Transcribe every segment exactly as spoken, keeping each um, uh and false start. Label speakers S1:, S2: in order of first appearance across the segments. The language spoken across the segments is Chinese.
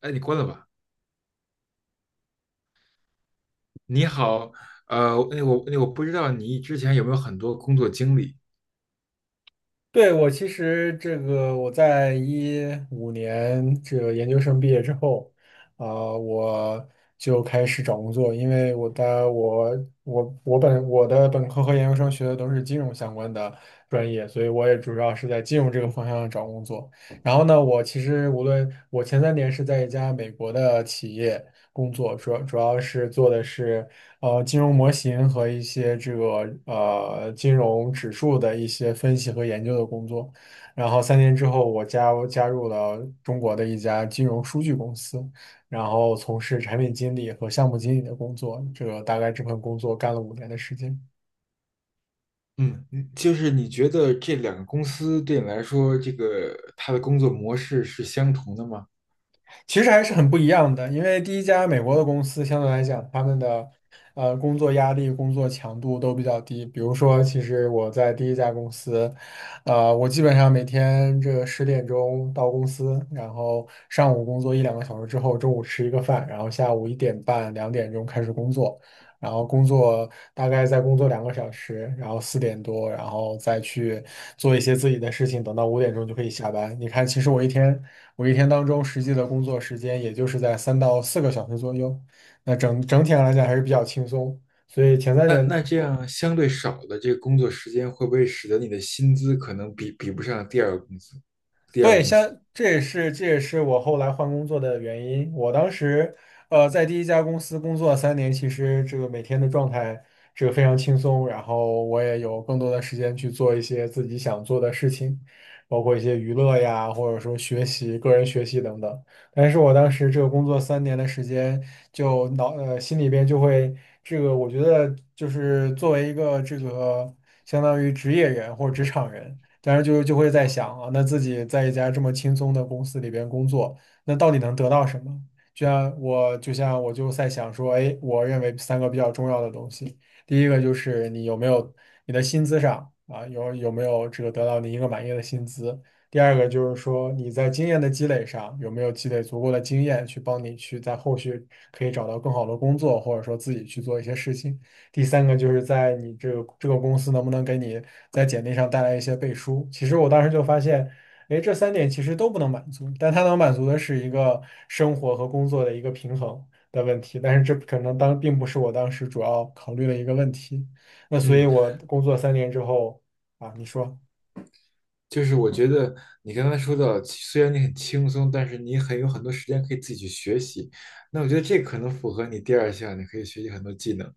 S1: 哎，你关了吧。你好，呃，那我那我不知道你之前有没有很多工作经历。
S2: 对，我其实这个我在一五年这个研究生毕业之后，啊、我就开始找工作，因为我的我我我本我的本科和研究生学的都是金融相关的专业，所以我也主要是在金融这个方向找工作。然后呢，我其实无论我前三年是在一家美国的企业工作，主要主要是做的是。呃金融模型和一些这个呃金融指数的一些分析和研究的工作。然后三年之后，我加加入了中国的一家金融数据公司，然后从事产品经理和项目经理的工作。这个大概这份工作干了五年的时间。
S1: 嗯，你就是你觉得这两个公司对你来说，这个它的工作模式是相同的吗？
S2: 其实还是很不一样的，因为第一家美国的公司相对来讲，他们的呃工作压力、工作强度都比较低。比如说，其实我在第一家公司，呃，我基本上每天这个十点钟到公司，然后上午工作一两个小时之后，中午吃一个饭，然后下午一点半、两点钟开始工作，然后工作大概再工作两个小时，然后四点多，然后再去做一些自己的事情，等到五点钟就可以下班。你看，其实我一天。我一天当中实际的工作时间也就是在三到四个小时左右，那整整体上来讲还是比较轻松。所以前三
S1: 那
S2: 年。
S1: 那这样相对少的这个工作时间，会不会使得你的薪资可能比比不上第二个公司？第二
S2: 对，
S1: 个公司，
S2: 像这也是这也是我后来换工作的原因。我当时，呃，在第一家公司工作三年，其实这个每天的状态这个非常轻松，然后我也有更多的时间去做一些自己想做的事情，包括一些娱乐呀，或者说学习、个人学习等等。但是我当时这个工作三年的时间，就脑呃心里边就会这个，我觉得就是作为一个这个相当于职业人或者职场人。但是就就会在想啊，那自己在一家这么轻松的公司里边工作，那到底能得到什么？就像我，就像我就在想说，哎，我认为三个比较重要的东西，第一个就是你有没有你的薪资上啊，有有没有这个得到你一个满意的薪资？第二个就是说你在经验的积累上有没有积累足够的经验去帮你去在后续可以找到更好的工作，或者说自己去做一些事情。第三个就是在你这个这个公司能不能给你在简历上带来一些背书。其实我当时就发现，哎，这三点其实都不能满足，但它能满足的是一个生活和工作的一个平衡的问题。但是这可能当并不是我当时主要考虑的一个问题。那所以，
S1: 嗯，
S2: 我工作三年之后啊，你说。
S1: 就是我觉得你刚才说到，虽然你很轻松，但是你很有很多时间可以自己去学习。那我觉得这可能符合你第二项，你可以学习很多技能。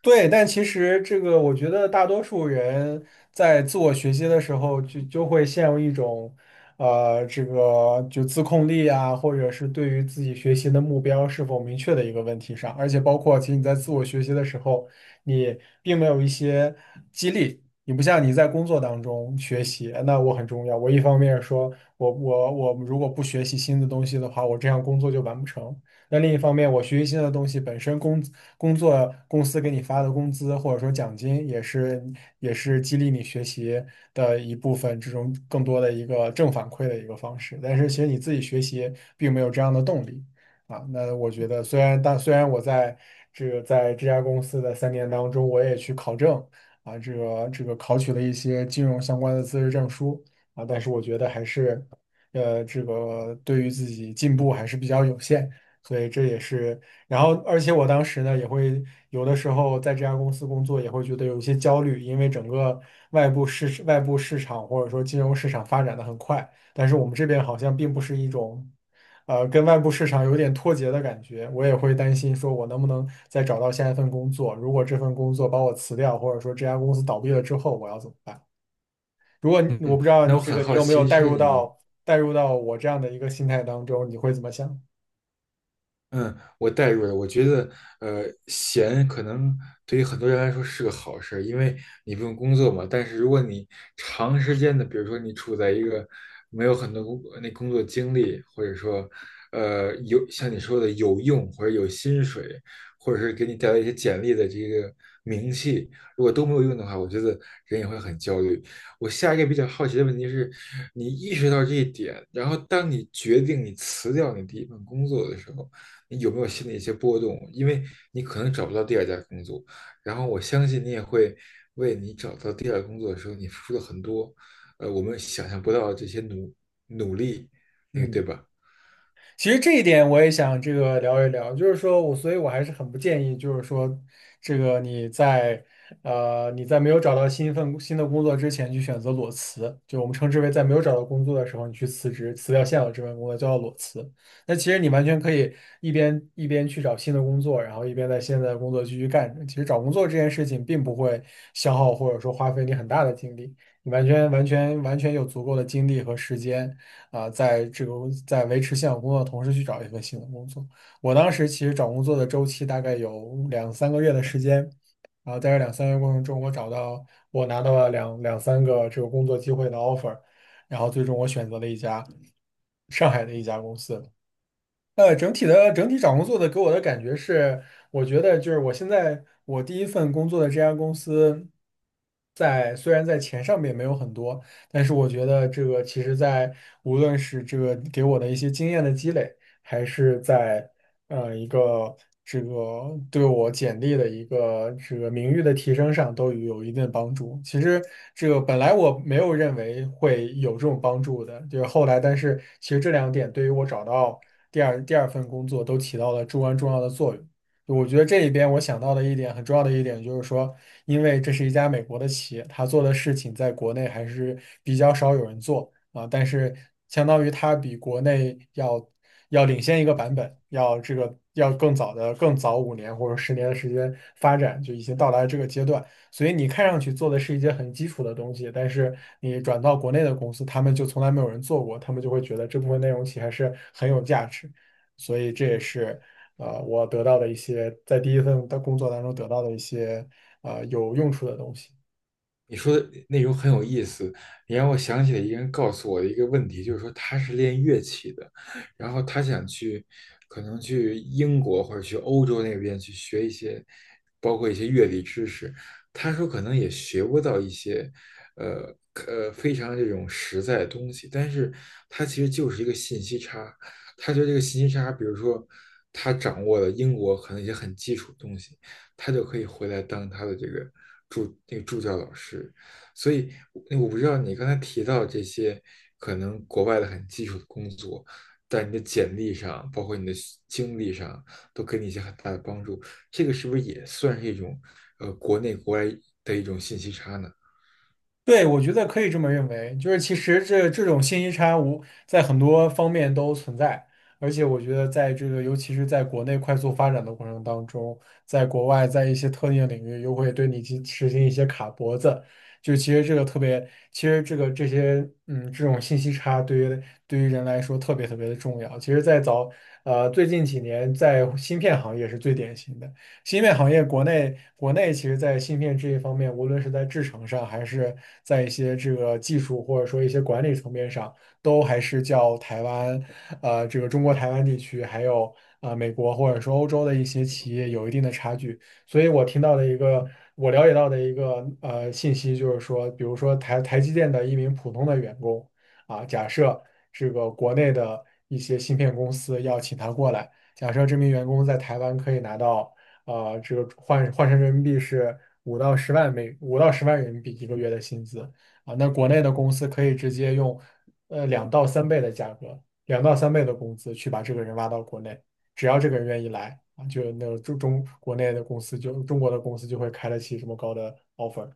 S2: 对，但其实这个，我觉得大多数人在自我学习的时候就，就会陷入一种，呃，这个就自控力啊，或者是对于自己学习的目标是否明确的一个问题上。而且包括，其实你在自我学习的时候，你并没有一些激励，你不像你在工作当中学习，那我很重要。我一方面说我我我如果不学习新的东西的话，我这样工作就完不成。那另一方面，我学习新的东西本身工工作公司给你发的工资或者说奖金，也是也是激励你学习的一部分，这种更多的一个正反馈的一个方式。但是其实你自己学习并没有这样的动力啊。那我觉得，虽然但虽然我在这个在这家公司的三年当中，我也去考证啊，这个这个考取了一些金融相关的资质证书啊，但是我觉得还是呃，这个对于自己进步还是比较有限。所以这也是，然后而且我当时呢也会有的时候在这家公司工作也会觉得有一些焦虑，因为整个外部市外部市场或者说金融市场发展的很快，但是我们这边好像并不是一种，呃，跟外部市场有点脱节的感觉。我也会担心说我能不能再找到下一份工作，如果这份工作把我辞掉，或者说这家公司倒闭了之后，我要怎么办？如果你我
S1: 嗯，
S2: 不知道
S1: 那我
S2: 这
S1: 很
S2: 个你
S1: 好
S2: 有没有
S1: 奇，
S2: 带
S1: 是
S2: 入
S1: 你，
S2: 到带入到我这样的一个心态当中，你会怎么想？
S1: 嗯，我代入了。我觉得，呃，闲可能对于很多人来说是个好事儿，因为你不用工作嘛。但是如果你长时间的，比如说你处在一个没有很多工那工作经历，或者说，呃，有像你说的有用或者有薪水，或者是给你带来一些简历的这个名气，如果都没有用的话，我觉得人也会很焦虑。我下一个比较好奇的问题是，你意识到这一点，然后当你决定你辞掉你第一份工作的时候。你有没有心里一些波动？因为你可能找不到第二家工作，然后我相信你也会为你找到第二个工作的时候，你付出了很多，呃，我们想象不到的这些努努力，那个对
S2: 嗯。
S1: 吧？
S2: 其实这一点我也想这个聊一聊，就是说我，所以我还是很不建议，就是说，这个你在呃你在没有找到新一份新的工作之前去选择裸辞，就我们称之为在没有找到工作的时候你去辞职，辞掉现有这份工作叫做裸辞。那其实你完全可以一边一边去找新的工作，然后一边在现在的工作继续干着。其实找工作这件事情并不会消耗或者说花费你很大的精力，你完全完全完全有足够的精力和时间。啊、在这个在维持现有工作的同时去找一份新的工作。我当时其实找工作的周期大概有两三个月的时间，然后在这两三个月过程中，我找到我拿到了两两三个这个工作机会的 offer,然后最终我选择了一家上海的一家公司。呃，整体的整体找工作的给我的感觉是，我觉得就是我现在我第一份工作的这家公司在，虽然在钱上面没有很多，但是我觉得这个其实在无论是这个给我的一些经验的积累，还是在呃一个这个对我简历的一个这个名誉的提升上都有一定的帮助。其实这个本来我没有认为会有这种帮助的，就是后来，但是其实这两点对于我找到第二第二份工作都起到了至关重要的作用。我觉得这里边我想到的一点很重要的一点就是说，因为这是一家美国的企业，它做的事情在国内还是比较少有人做。啊，但是相当于它比国内要要领先一个版本，要这个要更早的更早五年或者十年的时间发展，就已经到达了这个阶段。所以你看上去做的是一些很基础的东西，但是你转到国内的公司，他们就从来没有人做过，他们就会觉得这部分内容其实还是很有价值。所以这也
S1: 嗯。
S2: 是呃我得到的一些在第一份的工作当中得到的一些呃有用处的东西。
S1: 你说的内容很有意思，你让我想起了一个人告诉我的一个问题，就是说他是练乐器的，然后他想去，可能去英国或者去欧洲那边去学一些，包括一些乐理知识。他说可能也学不到一些，呃呃非常这种实在的东西，但是他其实就是一个信息差。他觉得这个信息差，比如说他掌握了英国可能一些很基础的东西，他就可以回来当他的这个助那个助教老师。所以我不知道你刚才提到这些可能国外的很基础的工作，在你的简历上，包括你的经历上，都给你一些很大的帮助。这个是不是也算是一种呃国内国外的一种信息差呢？
S2: 对，我觉得可以这么认为，就是其实这这种信息差无在很多方面都存在，而且我觉得在这个尤其是在国内快速发展的过程当中，在国外在一些特定领域又会对你去实行一些卡脖子，就其实这个特别，其实这个这些嗯这种信息差对于对于人来说特别特别的重要。其实，在早呃最近几年，在芯片行业是最典型的。芯片行业国内国内其实，在芯片这一方面，无论是在制程上，还是在一些这个技术或者说一些管理层面上，都还是较台湾，呃，这个中国台湾地区，还有呃美国或者说欧洲的一些企业有一定的差距。所以我听到的一个，我了解到的一个呃信息就是说，比如说台台积电的一名普通的员工啊，假设这个国内的一些芯片公司要请他过来，假设这名员工在台湾可以拿到。啊、呃这个换换成人民币是五到十万美五到十万人民币一个月的薪资啊。那国内的公司可以直接用呃两到三倍的价格，两到三倍的工资去把这个人挖到国内，只要这个人愿意来啊，就那个中中国内的公司就中国的公司就会开得起这么高的 offer。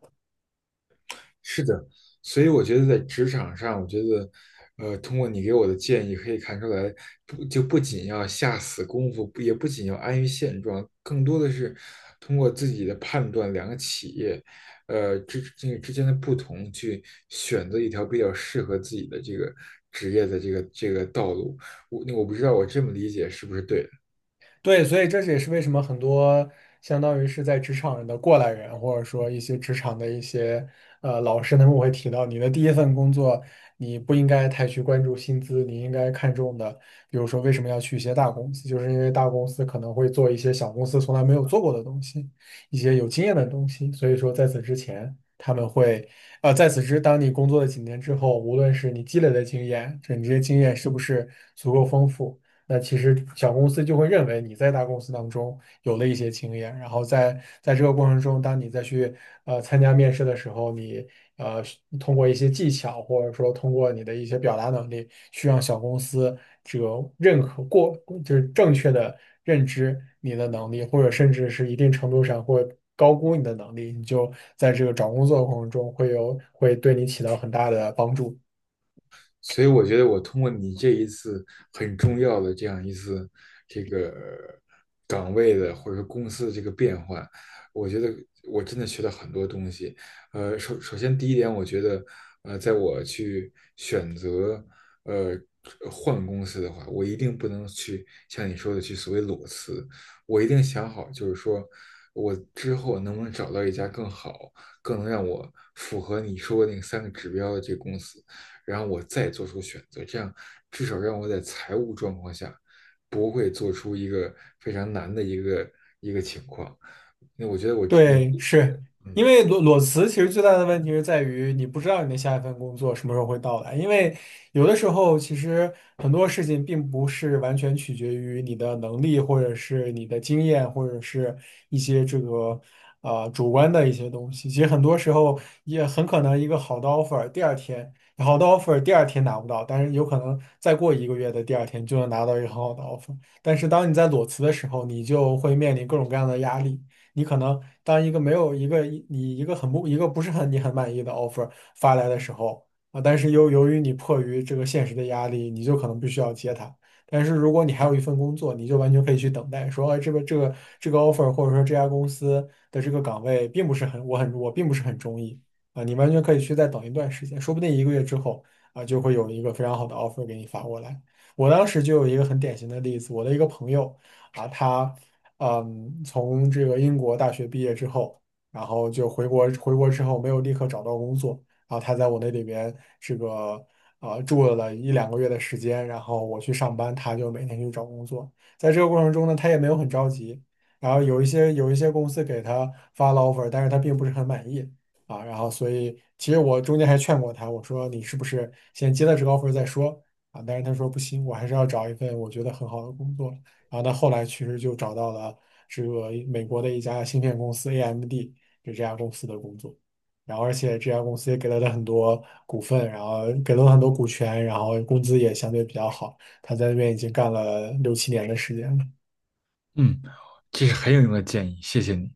S1: 是的，所以我觉得在职场上，我觉得，呃，通过你给我的建议，可以看出来，不就不仅要下死功夫，不也不仅要安于现状，更多的是通过自己的判断，两个企业，呃之这个之间的不同，去选择一条比较适合自己的这个职业的这个这个道路。我我不知道我这么理解是不是对的。
S2: 对，所以这也是为什么很多相当于是在职场人的过来人，或者说一些职场的一些呃老师，他们会提到，你的第一份工作，你不应该太去关注薪资，你应该看重的，比如说为什么要去一些大公司，就是因为大公司可能会做一些小公司从来没有做过的东西，一些有经验的东西。所以说，在此之前，他们会呃，在此之，当你工作了几年之后，无论是你积累的经验，这你这些经验是不是足够丰富？那其实小公司就会认为你在大公司当中有了一些经验，然后在在这个过程中，当你再去呃参加面试的时候，你呃通过一些技巧，或者说通过你的一些表达能力，去让小公司这个认可过，就是正确的认知你的能力，或者甚至是一定程度上会高估你的能力，你就在这个找工作的过程中会有会对你起到很大的帮助。
S1: 所以我觉得我通过你这一次很重要的这样一次这个岗位的或者说公司的这个变换，我觉得我真的学到很多东西。呃，首首先第一点，我觉得呃，在我去选择呃换公司的话，我一定不能去像你说的去所谓裸辞，我一定想好，就是说我之后能不能找到一家更好、更能让我符合你说的那三个指标的这个公司。然后我再做出选择，这样至少让我在财务状况下不会做出一个非常难的一个一个情况。那我觉得我你
S2: 对，是因
S1: 嗯
S2: 为裸裸辞，其实最大的问题是在于你不知道你的下一份工作什么时候会到来。因为有的时候，其实很多事情并不是完全取决于你的能力，或者是你的经验，或者是一些这个呃主观的一些东西。其实很多时候也很可能一个好的 offer，第二天好的 offer 第二天拿不到，但是有可能再过一个月的第二天就能拿到一个很好的 offer。但是当你在裸辞的时候，你就会面临各种各样的压力。你可能当一个没有一个你一个很不一个不是很你很满意的 offer 发来的时候啊，但是又由于你迫于这个现实的压力，你就可能必须要接它。但是如果你还有一份工作，你就完全可以去等待，说，哎，这个这个这个 offer 或者说这家公司的这个岗位并不是很我很我并不是很中意啊，你完全可以去再等一段时间，说不定一个月之后啊就会有一个非常好的 offer 给你发过来。我当时就有一个很典型的例子，我的一个朋友。啊，他。嗯，从这个英国大学毕业之后，然后就回国，回国之后没有立刻找到工作，然后他在我那里边这个呃住了一两个月的时间，然后我去上班，他就每天去找工作。在这个过程中呢，他也没有很着急，然后有一些有一些公司给他发了 offer,但是他并不是很满意啊，然后所以其实我中间还劝过他，我说你是不是先接了这个 offer 再说啊？但是他说不行，我还是要找一份我觉得很好的工作。然后他后来其实就找到了这个美国的一家芯片公司 A M D,就这家公司的工作。然后而且这家公司也给了他很多股份，然后给了他很多股权，然后工资也相对比较好。他在那边已经干了六七年的时间了。
S1: 嗯，这是很有用的建议，谢谢你。